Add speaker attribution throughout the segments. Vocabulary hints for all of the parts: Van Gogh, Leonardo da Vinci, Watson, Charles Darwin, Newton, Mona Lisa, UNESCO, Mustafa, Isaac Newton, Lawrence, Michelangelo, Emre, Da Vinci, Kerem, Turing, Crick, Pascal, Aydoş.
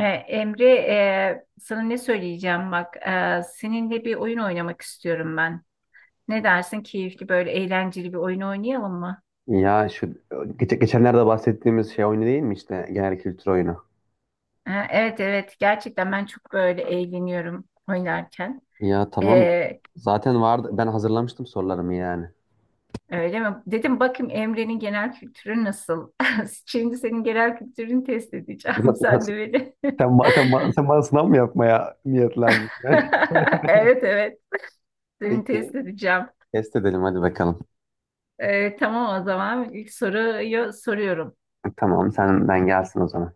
Speaker 1: Emre, sana ne söyleyeceğim bak. Seninle bir oyun oynamak istiyorum ben. Ne dersin? Keyifli böyle eğlenceli bir oyun oynayalım mı?
Speaker 2: Ya şu geçenlerde bahsettiğimiz şey oyunu değil mi? İşte genel kültür oyunu?
Speaker 1: Evet, evet, gerçekten ben çok böyle eğleniyorum oynarken.
Speaker 2: Ya tamam.
Speaker 1: E,
Speaker 2: Zaten vardı. Ben hazırlamıştım sorularımı yani.
Speaker 1: Öyle mi? Dedim bakayım Emre'nin genel kültürü nasıl? Şimdi senin genel kültürünü test edeceğim. Sen de beni.
Speaker 2: Sen bana sınav mı yapmaya niyetlendin?
Speaker 1: Evet, evet, seni test
Speaker 2: Peki.
Speaker 1: edeceğim.
Speaker 2: Test edelim hadi bakalım.
Speaker 1: Tamam o zaman ilk soruyu soruyorum.
Speaker 2: Tamam senden gelsin o zaman.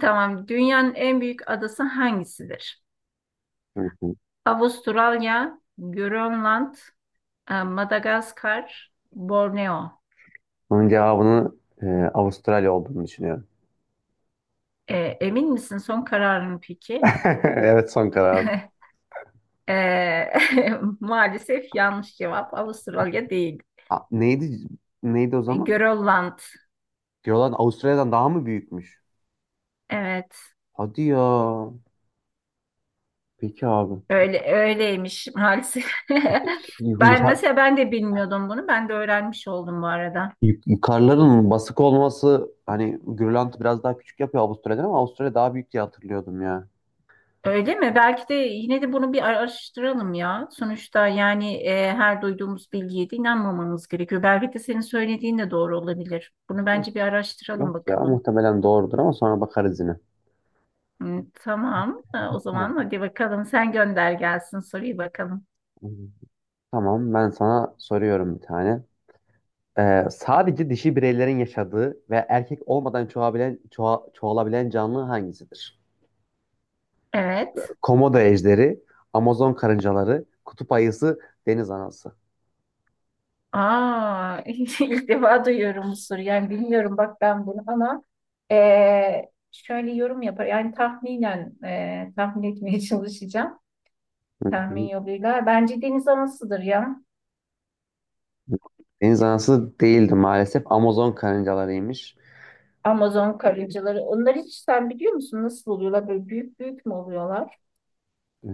Speaker 1: Tamam. Dünyanın en büyük adası hangisidir?
Speaker 2: Hı hı.
Speaker 1: Avustralya, Grönland, Madagaskar, Borneo.
Speaker 2: Bunun cevabını e, Avustralya olduğunu düşünüyorum.
Speaker 1: E, Emin misin? Son kararın peki?
Speaker 2: Evet son karar.
Speaker 1: E, Maalesef yanlış cevap. Avustralya değil.
Speaker 2: Neydi, neydi o zaman?
Speaker 1: Grönland.
Speaker 2: Diyorlar Avustralya'dan daha mı büyükmüş?
Speaker 1: Evet.
Speaker 2: Hadi ya. Peki abi.
Speaker 1: Öyle öyleymiş maalesef.
Speaker 2: Türkiye-
Speaker 1: Ben de bilmiyordum bunu. Ben de öğrenmiş oldum bu arada.
Speaker 2: Karların basık olması, hani Grönland biraz daha küçük yapıyor Avustralya'dan ama Avustralya daha büyük diye hatırlıyordum ya.
Speaker 1: Öyle mi? Belki de yine de bunu bir araştıralım ya. Sonuçta yani her duyduğumuz bilgiye de inanmamamız gerekiyor. Belki de senin söylediğin de doğru olabilir. Bunu
Speaker 2: Yok,
Speaker 1: bence bir
Speaker 2: yok
Speaker 1: araştıralım
Speaker 2: ya,
Speaker 1: bakalım.
Speaker 2: muhtemelen doğrudur ama sonra bakarız yine.
Speaker 1: Hı, tamam. O
Speaker 2: Tamam.
Speaker 1: zaman hadi bakalım sen gönder gelsin soruyu bakalım.
Speaker 2: Tamam, ben sana soruyorum bir tane. Sadece dişi bireylerin yaşadığı ve erkek olmadan çoğalabilen, çoğalabilen canlı hangisidir?
Speaker 1: Evet.
Speaker 2: Komodo ejderi, Amazon karıncaları, kutup ayısı, deniz anası.
Speaker 1: Aa, ilk defa duyuyorum bu soruyu. Yani bilmiyorum bak ben bunu ama e, şöyle yorum yapar. Yani tahminen tahmin etmeye çalışacağım.
Speaker 2: Hı
Speaker 1: Tahmin
Speaker 2: hı.
Speaker 1: yoluyla. Bence deniz anasıdır ya.
Speaker 2: Deniz anası değildi maalesef. Amazon karıncalarıymış.
Speaker 1: Amazon karıncaları. Onlar hiç sen biliyor musun nasıl oluyorlar? Böyle büyük büyük mü oluyorlar?
Speaker 2: Ee,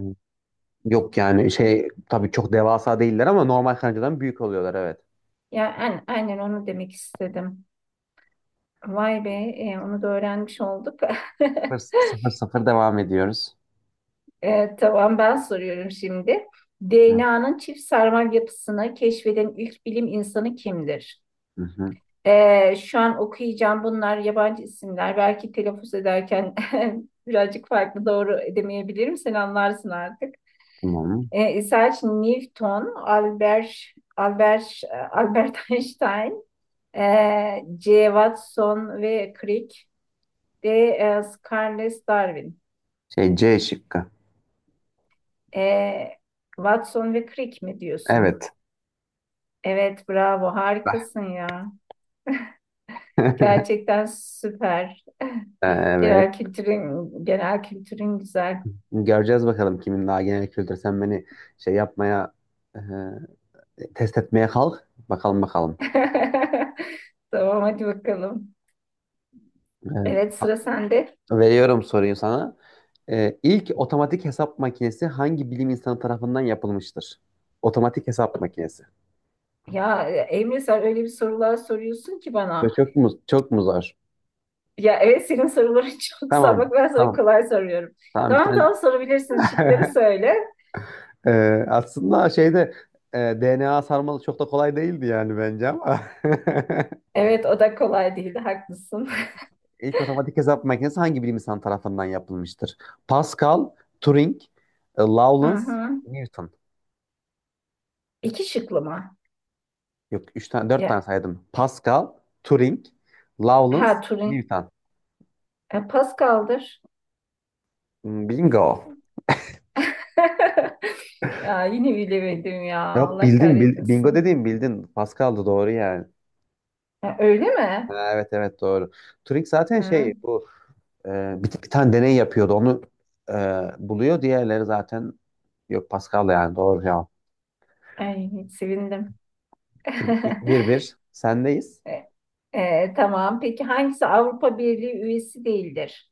Speaker 2: Yok yani şey, tabii çok devasa değiller ama normal kancadan büyük oluyorlar, evet.
Speaker 1: Ya yani, aynen onu demek istedim. Vay be, onu da öğrenmiş olduk.
Speaker 2: Sıfır, sıfır, sıfır, devam ediyoruz.
Speaker 1: Tamam ben soruyorum şimdi.
Speaker 2: Hı
Speaker 1: DNA'nın çift sarmal yapısını keşfeden ilk bilim insanı kimdir?
Speaker 2: hı, hı.
Speaker 1: Şu an okuyacağım bunlar yabancı isimler. Belki telaffuz ederken birazcık farklı doğru edemeyebilirim. Sen anlarsın artık.
Speaker 2: Tamam.
Speaker 1: Isaac Newton, Albert Einstein, J. Watson ve Crick, de e, Charles Darwin.
Speaker 2: Şey, C şıkkı.
Speaker 1: E, Watson ve Crick mi diyorsun?
Speaker 2: Evet.
Speaker 1: Evet, bravo, harikasın ya. Gerçekten süper.
Speaker 2: Evet.
Speaker 1: Genel kültürün güzel.
Speaker 2: Göreceğiz bakalım kimin daha genel kültür. Sen beni şey yapmaya, e, test etmeye kalk. Bakalım, bakalım.
Speaker 1: Tamam, hadi bakalım.
Speaker 2: E,
Speaker 1: Evet,
Speaker 2: sa-
Speaker 1: sıra sende.
Speaker 2: veriyorum soruyu sana. E, ilk otomatik hesap makinesi hangi bilim insanı tarafından yapılmıştır? Otomatik hesap makinesi.
Speaker 1: Ya Emre sen öyle bir sorular soruyorsun ki
Speaker 2: Çok,
Speaker 1: bana.
Speaker 2: çok mu çok mu zor?
Speaker 1: Ya evet senin soruların çok zor.
Speaker 2: Tamam.
Speaker 1: Bak ben sana
Speaker 2: Tamam.
Speaker 1: kolay soruyorum.
Speaker 2: Tamam, bir
Speaker 1: Tamam,
Speaker 2: tane.
Speaker 1: tamam, sorabilirsin. Şıkları söyle.
Speaker 2: Aslında şeyde, DNA sarmalı çok da kolay değildi yani bence ama.
Speaker 1: Evet o da kolay değildi. Haklısın.
Speaker 2: İlk otomatik hesap makinesi hangi bilim insanı tarafından yapılmıştır? Pascal, Turing,
Speaker 1: Hı
Speaker 2: Lawrence,
Speaker 1: hı.
Speaker 2: Newton.
Speaker 1: İki şıklı mı?
Speaker 2: Yok, üç tane, dört tane
Speaker 1: Ya,
Speaker 2: saydım. Pascal, Turing,
Speaker 1: ha,
Speaker 2: Lawrence,
Speaker 1: Turing.
Speaker 2: Newton.
Speaker 1: Pascal'dır.
Speaker 2: Hmm, bingo.
Speaker 1: Ya yine bilemedim ya.
Speaker 2: Yok
Speaker 1: Allah
Speaker 2: bildin, bingo
Speaker 1: kahretmesin.
Speaker 2: dediğim bildin. Pascal'dı, doğru yani.
Speaker 1: Ha, öyle mi?
Speaker 2: Evet, evet doğru. Turing zaten
Speaker 1: Ha.
Speaker 2: şey, bu Ee, bir tane deney yapıyordu. Onu e, buluyor. Diğerleri zaten, yok Pascal da yani doğru cevap.
Speaker 1: Ay, sevindim.
Speaker 2: Bir bir bir, sendeyiz.
Speaker 1: E, tamam. Peki hangisi Avrupa Birliği üyesi değildir?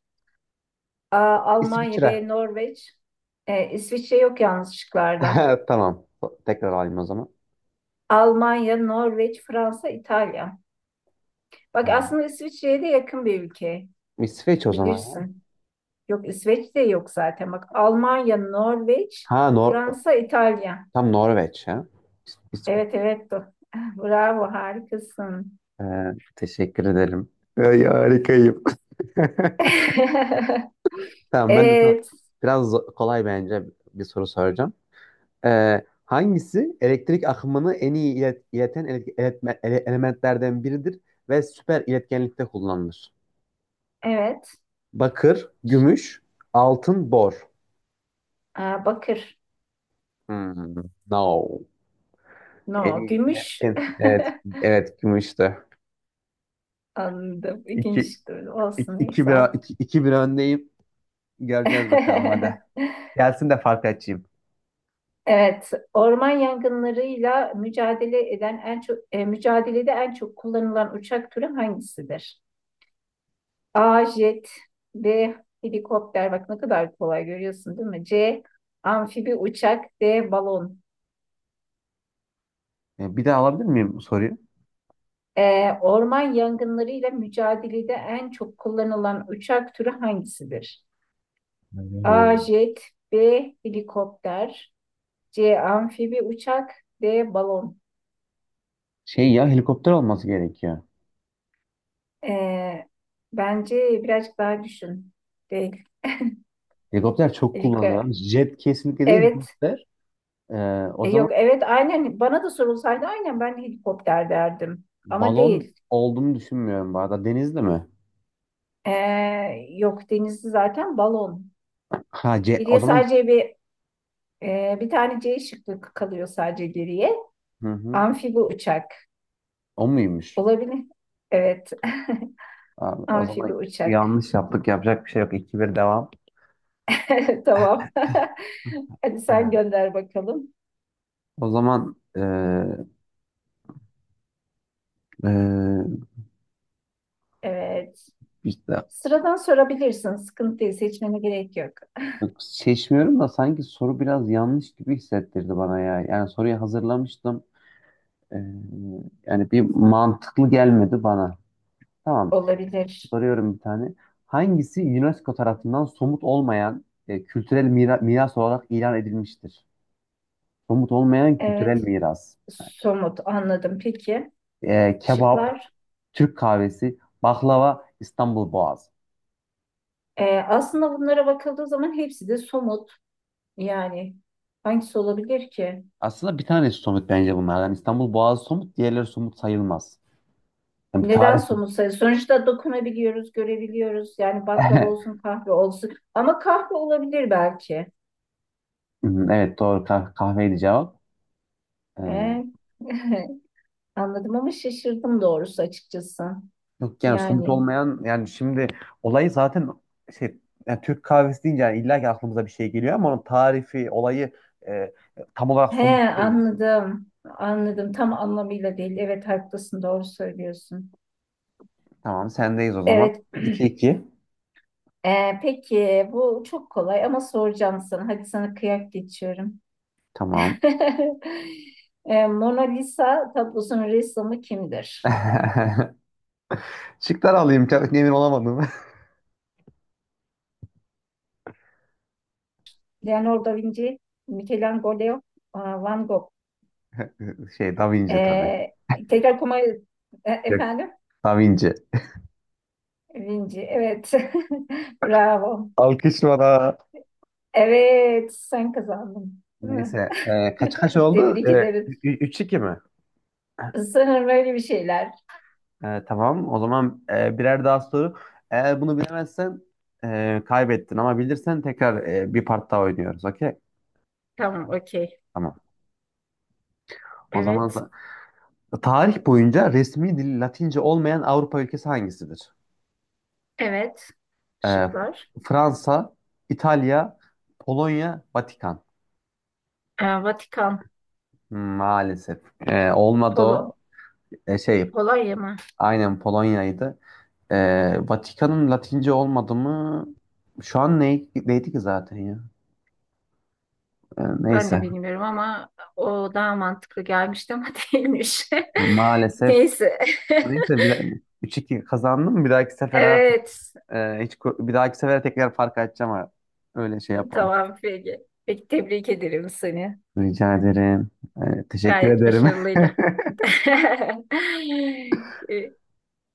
Speaker 1: A. Almanya
Speaker 2: İsviçre.
Speaker 1: B. Norveç İsviçre yok yalnız şıklarda.
Speaker 2: Tamam. Tekrar alayım o zaman.
Speaker 1: Almanya, Norveç, Fransa, İtalya. Bak
Speaker 2: Ee,
Speaker 1: aslında İsviçre'ye de yakın bir ülke.
Speaker 2: İsveç o zaman ya.
Speaker 1: Bilirsin. Yok, İsveç de yok zaten. Bak Almanya, Norveç,
Speaker 2: Ha Nor
Speaker 1: Fransa, İtalya.
Speaker 2: tam Norveç ya. İsveç.
Speaker 1: Evet, evet. Bravo, harikasın.
Speaker 2: Ee, Teşekkür ederim. Ay, harikayım. Tamam, ben de sana
Speaker 1: Evet.
Speaker 2: biraz kolay bence bir soru soracağım. Hangisi elektrik akımını en iyi ileten elementlerden biridir ve süper iletkenlikte kullanılır?
Speaker 1: Evet.
Speaker 2: Bakır, gümüş, altın, bor.
Speaker 1: Aa, bakır.
Speaker 2: Hmm, no. En
Speaker 1: No.
Speaker 2: iyi
Speaker 1: Gümüş.
Speaker 2: iletken. Evet, evet gümüştü.
Speaker 1: Anladım.
Speaker 2: İki,
Speaker 1: İkinci tur olsun. Neyse artık.
Speaker 2: iki bir öndeyim. Göreceğiz bakalım, hadi. Gelsin de fark açayım.
Speaker 1: Evet, orman yangınlarıyla mücadelede en çok kullanılan uçak türü hangisidir? A. Jet B. Helikopter. Bak ne kadar kolay görüyorsun, değil mi? C. Amfibi uçak D. Balon.
Speaker 2: Bir daha alabilir miyim bu soruyu?
Speaker 1: Orman yangınlarıyla mücadelede en çok kullanılan uçak türü hangisidir? A.
Speaker 2: Hmm.
Speaker 1: Jet B. Helikopter C. Amfibi uçak D. Balon.
Speaker 2: Şey ya, helikopter olması gerekiyor.
Speaker 1: E, Bence birazcık daha düşün. D.
Speaker 2: Helikopter çok
Speaker 1: Helikopter.
Speaker 2: kullanılıyor. Jet kesinlikle değil,
Speaker 1: Evet.
Speaker 2: helikopter. Ee, O zaman
Speaker 1: Yok, evet, aynen bana da sorulsaydı aynen ben de helikopter derdim. Ama
Speaker 2: balon
Speaker 1: değil.
Speaker 2: olduğunu düşünmüyorum bu arada. Denizli mi?
Speaker 1: E, Yok, denizli zaten balon.
Speaker 2: Ha, C o
Speaker 1: Geriye
Speaker 2: zaman.
Speaker 1: sadece bir tane C şıkkı kalıyor sadece geriye.
Speaker 2: Hı hı.
Speaker 1: Amfibi uçak.
Speaker 2: O muymuş?
Speaker 1: Olabilir. Evet.
Speaker 2: Abi, o zaman
Speaker 1: Amfibi uçak.
Speaker 2: yanlış yaptık. Yapacak bir şey yok. 2 bir devam.
Speaker 1: Tamam. Hadi sen
Speaker 2: Ha.
Speaker 1: gönder bakalım.
Speaker 2: O zaman e,
Speaker 1: Evet.
Speaker 2: işte,
Speaker 1: Sıradan sorabilirsin. Sıkıntı değil. Seçmene gerek yok.
Speaker 2: yok, seçmiyorum da sanki soru biraz yanlış gibi hissettirdi bana ya. Yani soruyu hazırlamıştım. E, Yani bir mantıklı gelmedi bana. Tamam.
Speaker 1: Olabilir.
Speaker 2: Soruyorum bir tane. Hangisi UNESCO tarafından somut olmayan kültürel miras olarak ilan edilmiştir? Somut olmayan kültürel
Speaker 1: Evet.
Speaker 2: miras.
Speaker 1: Somut, anladım. Peki.
Speaker 2: Kebap,
Speaker 1: Şıklar.
Speaker 2: Türk kahvesi, baklava, İstanbul Boğazı.
Speaker 1: Aslında bunlara bakıldığı zaman hepsi de somut. Yani hangisi olabilir ki?
Speaker 2: Aslında bir tanesi somut bence bunlardan: İstanbul Boğazı somut, diğerleri somut sayılmaz. Yani bir
Speaker 1: Neden
Speaker 2: tarih...
Speaker 1: somut sayı? Sonuçta dokunabiliyoruz, görebiliyoruz. Yani baklava olsun, kahve olsun. Ama kahve olabilir belki.
Speaker 2: Evet doğru, kahveydi cevap.
Speaker 1: Ee,
Speaker 2: Ee,
Speaker 1: Anladım ama şaşırdım doğrusu, açıkçası.
Speaker 2: Yok yani somut
Speaker 1: Yani
Speaker 2: olmayan yani, şimdi olayı zaten şey, yani Türk kahvesi deyince yani illa ki aklımıza bir şey geliyor ama onun tarifi, olayı e, tam olarak
Speaker 1: he,
Speaker 2: somut değil.
Speaker 1: anladım. Anladım. Tam anlamıyla değil. Evet, haklısın. Doğru söylüyorsun.
Speaker 2: Tamam, sendeyiz o zaman.
Speaker 1: Evet.
Speaker 2: İki iki.
Speaker 1: Peki bu çok kolay ama soracağım sana. Hadi sana kıyak geçiyorum.
Speaker 2: Tamam.
Speaker 1: Mona Lisa tablosunun ressamı kimdir?
Speaker 2: Şıklar alayım. Çok emin olamadım.
Speaker 1: Leonardo da Vinci, Michelangelo, aa, Van Gogh.
Speaker 2: Şey, Da Vinci
Speaker 1: E,
Speaker 2: tabii.
Speaker 1: Tekrar kuma,
Speaker 2: Yok.
Speaker 1: efendim?
Speaker 2: Da Vinci.
Speaker 1: Vinci, evet. Bravo.
Speaker 2: Alkış bana.
Speaker 1: Evet, sen kazandın. Değil mi?
Speaker 2: Neyse. Kaç kaç oldu?
Speaker 1: Tebrik ederim.
Speaker 2: 3-2 mi?
Speaker 1: Sanırım öyle bir şeyler.
Speaker 2: E, tamam. O zaman birer daha soru. Eğer bunu bilemezsen kaybettin ama bilirsen tekrar, bir part daha oynuyoruz. Okey?
Speaker 1: Tamam, okey.
Speaker 2: Tamam. O zaman
Speaker 1: Evet,
Speaker 2: tarih boyunca resmi dil Latince olmayan Avrupa ülkesi hangisidir?
Speaker 1: evet.
Speaker 2: E, F-
Speaker 1: Şıklar.
Speaker 2: Fransa, İtalya, Polonya, Vatikan.
Speaker 1: Vatikan,
Speaker 2: Maalesef. Olmadı
Speaker 1: Polo,
Speaker 2: o. E, şey
Speaker 1: Polonya mı?
Speaker 2: aynen Polonya'ydı. E, Vatikan'ın Latince olmadı mı? Şu an ne, neydi ki zaten ya? E,
Speaker 1: Ben de
Speaker 2: neyse.
Speaker 1: bilmiyorum ama o daha mantıklı gelmişti ama değilmiş.
Speaker 2: Maalesef.
Speaker 1: Neyse.
Speaker 2: Neyse, bir daha, 3-2 kazandım. Bir dahaki sefere artık
Speaker 1: Evet.
Speaker 2: bir dahaki sefere tekrar fark açacağım. Ha. Öyle şey yapalım.
Speaker 1: Tamam, peki. Peki, tebrik ederim seni.
Speaker 2: Rica ederim. Teşekkür
Speaker 1: Gayet
Speaker 2: ederim.
Speaker 1: başarılıydı. Ee,